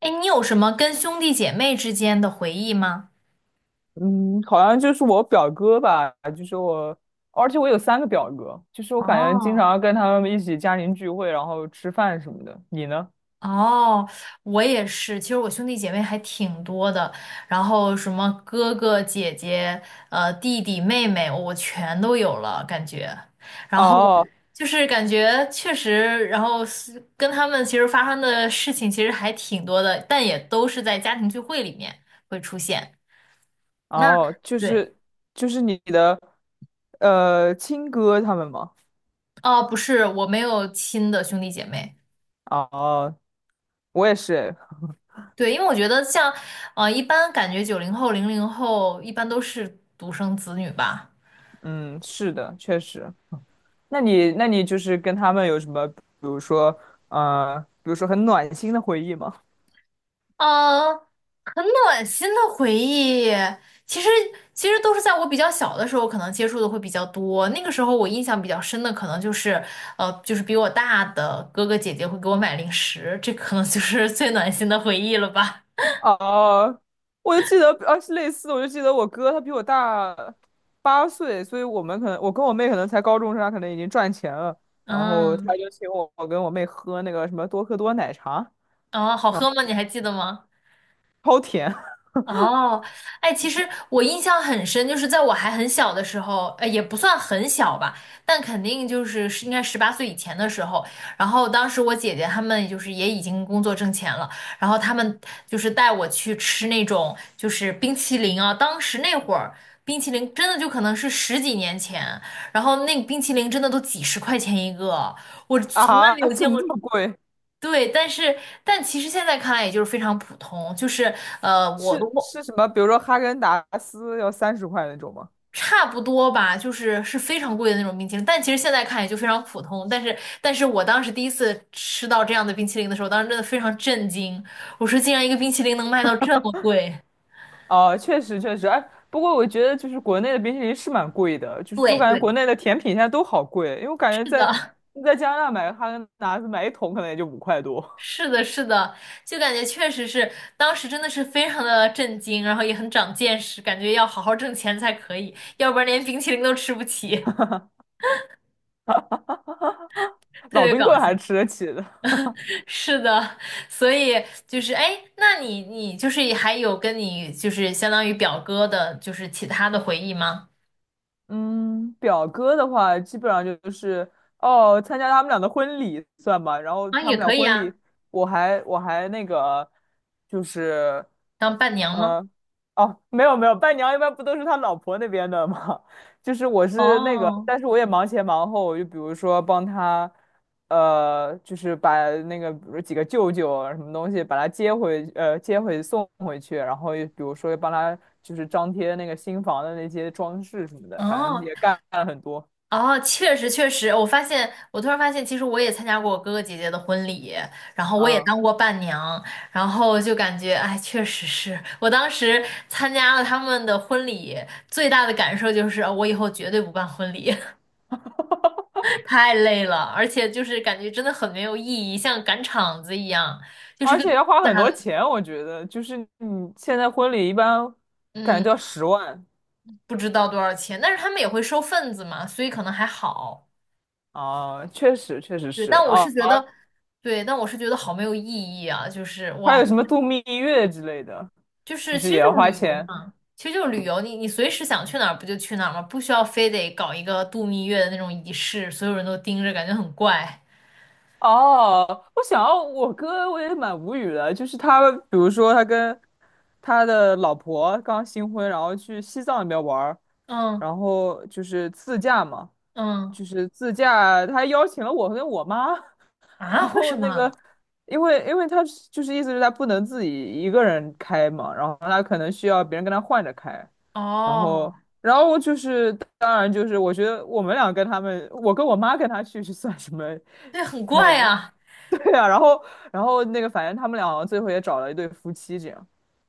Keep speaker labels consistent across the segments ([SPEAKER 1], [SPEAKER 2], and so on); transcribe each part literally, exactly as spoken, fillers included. [SPEAKER 1] 哎，你有什么跟兄弟姐妹之间的回忆吗？
[SPEAKER 2] 嗯，好像就是我表哥吧，就是我，而且我有三个表哥，就是我感觉经
[SPEAKER 1] 哦，
[SPEAKER 2] 常跟他们一起家庭聚会，然后吃饭什么的。你呢？
[SPEAKER 1] 哦，我也是。其实我兄弟姐妹还挺多的，然后什么哥哥、姐姐、呃弟弟、妹妹，我全都有了感觉。然后
[SPEAKER 2] 哦
[SPEAKER 1] 就是感觉确实，然后是跟他们其实发生的事情其实还挺多的，但也都是在家庭聚会里面会出现。那
[SPEAKER 2] 哦，就
[SPEAKER 1] 对，
[SPEAKER 2] 是就是你的呃亲哥他们吗？
[SPEAKER 1] 哦，不是，我没有亲的兄弟姐妹。
[SPEAKER 2] 哦，我也是，
[SPEAKER 1] 对，因为我觉得像，呃，一般感觉九零后、零零后一般都是独生子女吧。
[SPEAKER 2] 嗯，是的，确实。那你那你就是跟他们有什么，比如说呃，比如说很暖心的回忆吗？
[SPEAKER 1] 嗯，很暖心的回忆，其实其实都是在我比较小的时候，可能接触的会比较多。那个时候我印象比较深的，可能就是呃，就是比我大的哥哥姐姐会给我买零食，这可能就是最暖心的回忆了吧。
[SPEAKER 2] 哦，我就记得，呃，是类似，我就记得我哥他比我大八岁，所以我们可能我跟我妹可能才高中生，他可能已经赚钱了，然后
[SPEAKER 1] 嗯，
[SPEAKER 2] 他就请我我跟我妹喝那个什么多克多奶茶，
[SPEAKER 1] 哦，好
[SPEAKER 2] 然后
[SPEAKER 1] 喝吗？你还记得吗？
[SPEAKER 2] 超甜。
[SPEAKER 1] 哦，哎，其实我印象很深，就是在我还很小的时候，呃，也不算很小吧，但肯定就是是应该十八岁以前的时候。然后当时我姐姐她们就是也已经工作挣钱了，然后她们就是带我去吃那种就是冰淇淋啊。当时那会儿冰淇淋真的就可能是十几年前，然后那个冰淇淋真的都几十块钱一个，我 从来
[SPEAKER 2] 啊，
[SPEAKER 1] 没有
[SPEAKER 2] 怎
[SPEAKER 1] 见
[SPEAKER 2] 么
[SPEAKER 1] 过。
[SPEAKER 2] 这么贵？
[SPEAKER 1] 对，但是但其实现在看来，也就是非常普通，就是呃，我都
[SPEAKER 2] 是
[SPEAKER 1] 忘
[SPEAKER 2] 是什么？比如说哈根达斯要三十块那种吗？
[SPEAKER 1] 差不多吧，就是是非常贵的那种冰淇淋，但其实现在看也就非常普通。但是，但是我当时第一次吃到这样的冰淇淋的时候，当时真的非常震惊。我说，竟然一个冰淇淋能卖到这么贵！
[SPEAKER 2] 哦，确实确实，哎，不过我觉得就是国内的冰淇淋是蛮贵的，就是我
[SPEAKER 1] 对
[SPEAKER 2] 感觉
[SPEAKER 1] 对，
[SPEAKER 2] 国内的甜品现在都好贵，因为我感觉
[SPEAKER 1] 是
[SPEAKER 2] 在
[SPEAKER 1] 的，
[SPEAKER 2] 在加拿大买个哈根达斯买一桶可能也就五块多。
[SPEAKER 1] 是的，是的，就感觉确实是，当时真的是非常的震惊，然后也很长见识，感觉要好好挣钱才可以，要不然连冰淇淋都吃不起，特
[SPEAKER 2] 老
[SPEAKER 1] 别
[SPEAKER 2] 冰
[SPEAKER 1] 搞
[SPEAKER 2] 棍
[SPEAKER 1] 笑。
[SPEAKER 2] 还吃得起的。
[SPEAKER 1] 是的，所以就是哎，那你你就是还有跟你就是相当于表哥的，就是其他的回忆吗？
[SPEAKER 2] 嗯，表哥的话，基本上就是哦，参加他们俩的婚礼算吧。然后
[SPEAKER 1] 啊，
[SPEAKER 2] 他
[SPEAKER 1] 也
[SPEAKER 2] 们俩
[SPEAKER 1] 可以
[SPEAKER 2] 婚
[SPEAKER 1] 啊，
[SPEAKER 2] 礼，我还我还那个，就是
[SPEAKER 1] 当伴娘吗？
[SPEAKER 2] 嗯，哦，没有没有，伴娘一般不都是他老婆那边的吗？就是我是那个，
[SPEAKER 1] 哦
[SPEAKER 2] 但是我也忙前忙后，就比如说帮他，呃，就是把那个比如几个舅舅啊什么东西把他接回，呃，接回送回去，然后又比如说又帮他就是张贴那个新房的那些装饰什么的，反正
[SPEAKER 1] 哦
[SPEAKER 2] 也干了很多，
[SPEAKER 1] 哦，确实确实，我发现我突然发现，其实我也参加过我哥哥姐姐的婚礼，然后我也
[SPEAKER 2] 啊，
[SPEAKER 1] 当过伴娘，然后就感觉哎，确实是我当时参加了他们的婚礼，最大的感受就是，哦我以后绝对不办婚礼。太累了，而且就是感觉真的很没有意义，像赶场子一样，就是
[SPEAKER 2] 而
[SPEAKER 1] 个
[SPEAKER 2] 且要花
[SPEAKER 1] 假
[SPEAKER 2] 很
[SPEAKER 1] 大的，
[SPEAKER 2] 多钱，我觉得就是你现在婚礼一般感觉
[SPEAKER 1] 嗯，
[SPEAKER 2] 都要十万。
[SPEAKER 1] 不知道多少钱，但是他们也会收份子嘛，所以可能还好。
[SPEAKER 2] 啊，确实，确实
[SPEAKER 1] 对，
[SPEAKER 2] 是
[SPEAKER 1] 但我
[SPEAKER 2] 啊。
[SPEAKER 1] 是觉得，对，但我是觉得好没有意义啊，就是
[SPEAKER 2] 还
[SPEAKER 1] 哇，
[SPEAKER 2] 有什么度蜜月之类的，
[SPEAKER 1] 就
[SPEAKER 2] 就
[SPEAKER 1] 是
[SPEAKER 2] 是
[SPEAKER 1] 其
[SPEAKER 2] 也
[SPEAKER 1] 实
[SPEAKER 2] 要
[SPEAKER 1] 就是
[SPEAKER 2] 花
[SPEAKER 1] 旅游
[SPEAKER 2] 钱。
[SPEAKER 1] 嘛，其实就是旅游，你你随时想去哪儿不就去哪儿嘛，不需要非得搞一个度蜜月的那种仪式，所有人都盯着，感觉很怪。
[SPEAKER 2] 哦，我想要我哥，我也蛮无语的，就是他，比如说他跟他的老婆刚新婚，然后去西藏那边玩儿，
[SPEAKER 1] 嗯
[SPEAKER 2] 然后就是自驾嘛。
[SPEAKER 1] 嗯，
[SPEAKER 2] 就是自驾，他还邀请了我跟我妈，然
[SPEAKER 1] 啊，为
[SPEAKER 2] 后
[SPEAKER 1] 什
[SPEAKER 2] 那个，
[SPEAKER 1] 么？
[SPEAKER 2] 因为因为他是就是意思是他不能自己一个人开嘛，然后他可能需要别人跟他换着开，然后
[SPEAKER 1] 哦，
[SPEAKER 2] 然后就是当然就是我觉得我们俩跟他们，我跟我妈跟他去是算什么
[SPEAKER 1] 对，很怪
[SPEAKER 2] 那个？
[SPEAKER 1] 呀、
[SPEAKER 2] 对啊，然后然后那个反正他们俩好像最后也找了一对夫妻这样，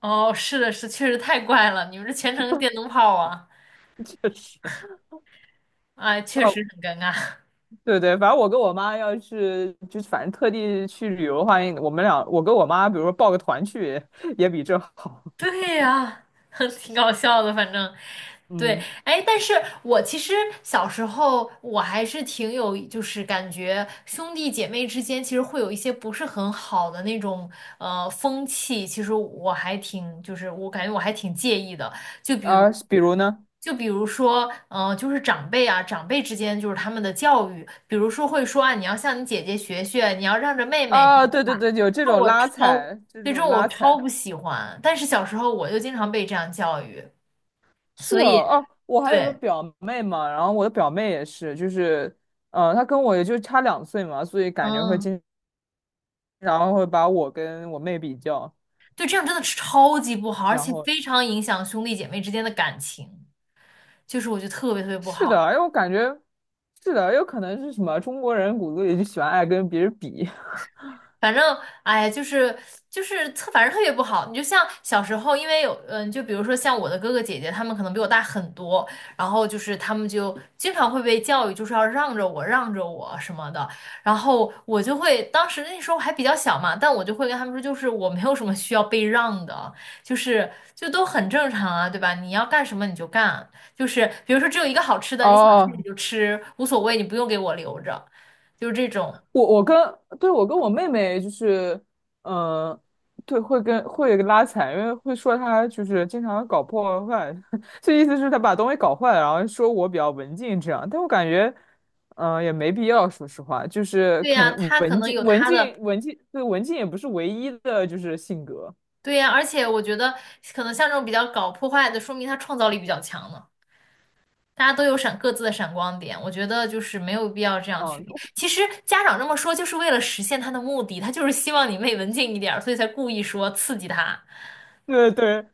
[SPEAKER 1] 哦，是的，是，确实太怪了，你们这全程电灯泡啊，
[SPEAKER 2] 确实。
[SPEAKER 1] 哎，确实
[SPEAKER 2] 哦，
[SPEAKER 1] 很尴尬。
[SPEAKER 2] 对对，反正我跟我妈要是就是反正特地去旅游的话，我们俩我跟我妈，比如说报个团去，也比这好。
[SPEAKER 1] 对呀，挺搞笑的，反正对，
[SPEAKER 2] 嗯，
[SPEAKER 1] 哎，但是我其实小时候我还是挺有，就是感觉兄弟姐妹之间其实会有一些不是很好的那种呃风气，其实我还挺，就是我感觉我还挺介意的，就比如。
[SPEAKER 2] 啊，比如呢？
[SPEAKER 1] 就比如说，嗯，呃就是长辈啊，长辈之间就是他们的教育，比如说会说啊，你要向你姐姐学学，你要让着妹妹这
[SPEAKER 2] 啊，
[SPEAKER 1] 种
[SPEAKER 2] 对对
[SPEAKER 1] 话，
[SPEAKER 2] 对，有这种拉
[SPEAKER 1] 超，
[SPEAKER 2] 踩，这
[SPEAKER 1] 对，这
[SPEAKER 2] 种
[SPEAKER 1] 种我
[SPEAKER 2] 拉
[SPEAKER 1] 超
[SPEAKER 2] 踩
[SPEAKER 1] 不喜欢。但是小时候我就经常被这样教育，
[SPEAKER 2] 是
[SPEAKER 1] 所
[SPEAKER 2] 哦，
[SPEAKER 1] 以
[SPEAKER 2] 哦，我还有个
[SPEAKER 1] 对，
[SPEAKER 2] 表妹嘛，然后我的表妹也是，就是，呃，她跟我也就差两岁嘛，所以感觉会
[SPEAKER 1] 嗯，
[SPEAKER 2] 经常会把我跟我妹比较，
[SPEAKER 1] 对，这样真的是超级不好，而
[SPEAKER 2] 然
[SPEAKER 1] 且
[SPEAKER 2] 后
[SPEAKER 1] 非常影响兄弟姐妹之间的感情，就是我觉得特别特别不
[SPEAKER 2] 是的，
[SPEAKER 1] 好。
[SPEAKER 2] 因为我感觉是的，有可能是什么中国人骨子里就喜欢爱跟别人比。
[SPEAKER 1] 反正，哎呀，就是就是特，反正特别不好。你就像小时候，因为有，嗯，就比如说像我的哥哥姐姐，他们可能比我大很多，然后就是他们就经常会被教育，就是要让着我，让着我什么的。然后我就会，当时那时候还比较小嘛，但我就会跟他们说，就是我没有什么需要被让的，就是就都很正常啊，对吧？你要干什么你就干，就是比如说只有一个好吃 的，你想吃你
[SPEAKER 2] 哦，
[SPEAKER 1] 就吃，无所谓，你不用给我留着，就是这种。
[SPEAKER 2] 我我跟对，我跟我妹妹就是，嗯，对，会跟会拉踩，因为会说她就是经常搞破坏，这意思是她把东西搞坏了，然后说我比较文静这样，但我感觉，嗯，也没必要，说实话，就是
[SPEAKER 1] 对
[SPEAKER 2] 可
[SPEAKER 1] 呀，
[SPEAKER 2] 能
[SPEAKER 1] 他可
[SPEAKER 2] 文
[SPEAKER 1] 能
[SPEAKER 2] 静
[SPEAKER 1] 有
[SPEAKER 2] 文
[SPEAKER 1] 他
[SPEAKER 2] 静
[SPEAKER 1] 的。
[SPEAKER 2] 文静，对，文静也不是唯一的就是性格，
[SPEAKER 1] 对呀，而且我觉得可能像这种比较搞破坏的，说明他创造力比较强呢。大家都有闪各自的闪光点，我觉得就是没有必要这样去
[SPEAKER 2] 嗯，
[SPEAKER 1] 比。其实家长这么说，就是为了实现他的目的，他就是希望你妹文静一点儿，所以才故意说刺激他。
[SPEAKER 2] 对对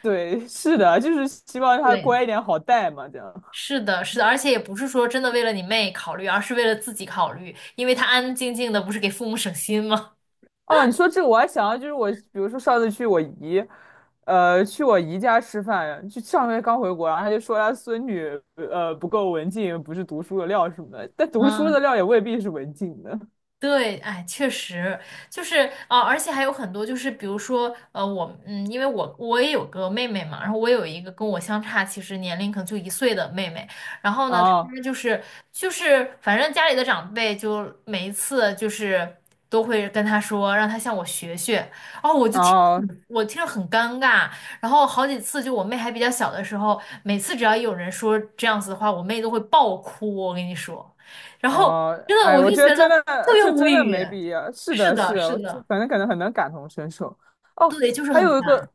[SPEAKER 2] 对，是的，就是希望她
[SPEAKER 1] 对，
[SPEAKER 2] 乖一点好带嘛，这样。
[SPEAKER 1] 是的，是的，而且也不是说真的为了你妹考虑，而是为了自己考虑，因为他安安静静的，不是给父母省心吗？
[SPEAKER 2] 哦，你说这个我还想到，就是我，比如说上次去我姨，呃，去我姨家吃饭，就上个月刚回国，然后她就说她孙女，呃，不够文静，不是读书的料什么的，但读书
[SPEAKER 1] 嗯。
[SPEAKER 2] 的料也未必是文静的。
[SPEAKER 1] 对，哎，确实就是啊、呃而且还有很多，就是比如说，呃，我，嗯，因为我我也有个妹妹嘛，然后我有一个跟我相差其实年龄可能就一岁的妹妹，然后呢，她
[SPEAKER 2] 哦
[SPEAKER 1] 就是就是反正家里的长辈就每一次就是都会跟她说让她向我学学，哦，我就听着
[SPEAKER 2] 哦，
[SPEAKER 1] 很我听着很尴尬，然后好几次就我妹还比较小的时候，每次只要有人说这样子的话，我妹都会爆哭，我跟你说。然后
[SPEAKER 2] 哦，
[SPEAKER 1] 真的
[SPEAKER 2] 哎，
[SPEAKER 1] 我
[SPEAKER 2] 我
[SPEAKER 1] 就
[SPEAKER 2] 觉得
[SPEAKER 1] 觉得
[SPEAKER 2] 真
[SPEAKER 1] 特
[SPEAKER 2] 的，
[SPEAKER 1] 别
[SPEAKER 2] 这
[SPEAKER 1] 无
[SPEAKER 2] 真的
[SPEAKER 1] 语。
[SPEAKER 2] 没必要。是
[SPEAKER 1] 是
[SPEAKER 2] 的，
[SPEAKER 1] 的，
[SPEAKER 2] 是的，
[SPEAKER 1] 是
[SPEAKER 2] 我就
[SPEAKER 1] 的，
[SPEAKER 2] 反正可能很能感同身受。哦，
[SPEAKER 1] 对，就是
[SPEAKER 2] 还
[SPEAKER 1] 很
[SPEAKER 2] 有一
[SPEAKER 1] 烦。
[SPEAKER 2] 个，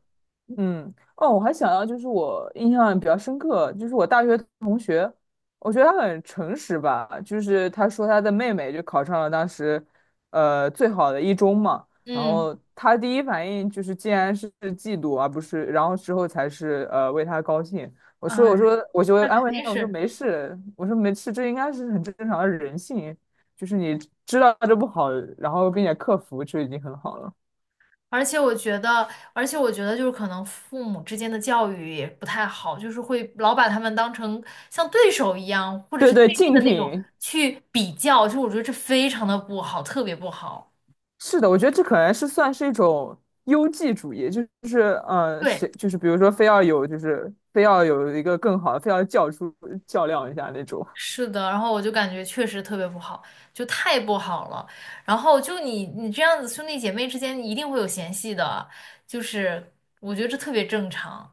[SPEAKER 2] 嗯，哦，我还想到就是我印象比较深刻，就是我大学同学，我觉得他很诚实吧，就是他说他的妹妹就考上了当时，呃，最好的一中嘛，然
[SPEAKER 1] 嗯，
[SPEAKER 2] 后他第一反应就是竟然是嫉妒，而不是，然后之后才是呃为他高兴。我说我
[SPEAKER 1] 哎，
[SPEAKER 2] 说我就
[SPEAKER 1] 那肯
[SPEAKER 2] 安慰
[SPEAKER 1] 定
[SPEAKER 2] 他，我说
[SPEAKER 1] 是。
[SPEAKER 2] 没事，我说没事，这应该是很正常的人性，就是你知道这不好，然后并且克服就已经很好了。
[SPEAKER 1] 而且我觉得，而且我觉得就是可能父母之间的教育也不太好，就是会老把他们当成像对手一样，或者
[SPEAKER 2] 对
[SPEAKER 1] 是
[SPEAKER 2] 对，
[SPEAKER 1] 对立
[SPEAKER 2] 竞
[SPEAKER 1] 的那种
[SPEAKER 2] 品
[SPEAKER 1] 去比较，就我觉得这非常的不好，特别不好。
[SPEAKER 2] 是的，我觉得这可能是算是一种优绩主义，就是呃，
[SPEAKER 1] 对。
[SPEAKER 2] 谁就是比如说非要有就是非要有一个更好的，非要较出较量一下那种。
[SPEAKER 1] 是的，然后我就感觉确实特别不好，就太不好了。然后就你你这样子，兄弟姐妹之间一定会有嫌隙的，就是我觉得这特别正常。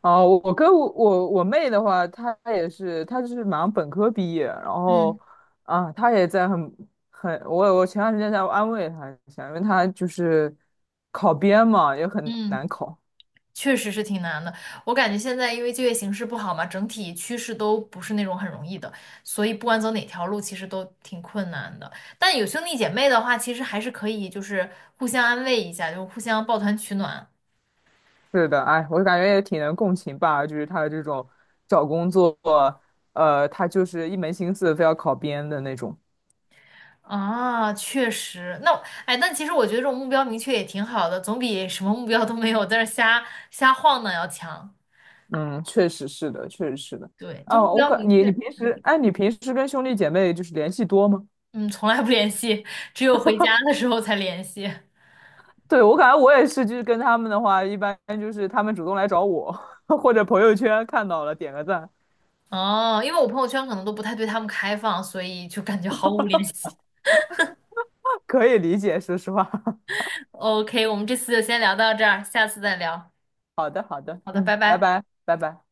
[SPEAKER 2] 哦，我我跟我我我妹的话，她也是，她就是马上本科毕业，然后
[SPEAKER 1] 嗯
[SPEAKER 2] 啊，她也在很很，我我前段时间在安慰她一下，因为她就是考编嘛，也很
[SPEAKER 1] 嗯
[SPEAKER 2] 难考。
[SPEAKER 1] 确实是挺难的，我感觉现在因为就业形势不好嘛，整体趋势都不是那种很容易的，所以不管走哪条路，其实都挺困难的。但有兄弟姐妹的话，其实还是可以，就是互相安慰一下，就互相抱团取暖。
[SPEAKER 2] 是的，哎，我感觉也挺能共情吧，就是她的这种找工作，呃，她就是一门心思非要考编的那种。
[SPEAKER 1] 啊，确实，那哎，但其实我觉得这种目标明确也挺好的，总比什么目标都没有在这儿瞎瞎晃荡要强。
[SPEAKER 2] 嗯，确实是的，确实是的。
[SPEAKER 1] 对，就目
[SPEAKER 2] 哦，我
[SPEAKER 1] 标
[SPEAKER 2] 感
[SPEAKER 1] 明
[SPEAKER 2] 你你
[SPEAKER 1] 确，
[SPEAKER 2] 平时，哎，你平时跟兄弟姐妹就是联系多吗？
[SPEAKER 1] 嗯，从来不联系，只有回家的时候才联系。
[SPEAKER 2] 对，我感觉我也是，就是跟他们的话，一般就是他们主动来找我，或者朋友圈看到了点个赞，
[SPEAKER 1] 哦，因为我朋友圈可能都不太对他们开放，所以就感觉毫无联系。
[SPEAKER 2] 可以理解，说实话。
[SPEAKER 1] OK，我们这次就先聊到这儿，下次再聊。
[SPEAKER 2] 好的，好的，
[SPEAKER 1] 好的，
[SPEAKER 2] 嗯，
[SPEAKER 1] 拜
[SPEAKER 2] 拜
[SPEAKER 1] 拜。
[SPEAKER 2] 拜，拜拜。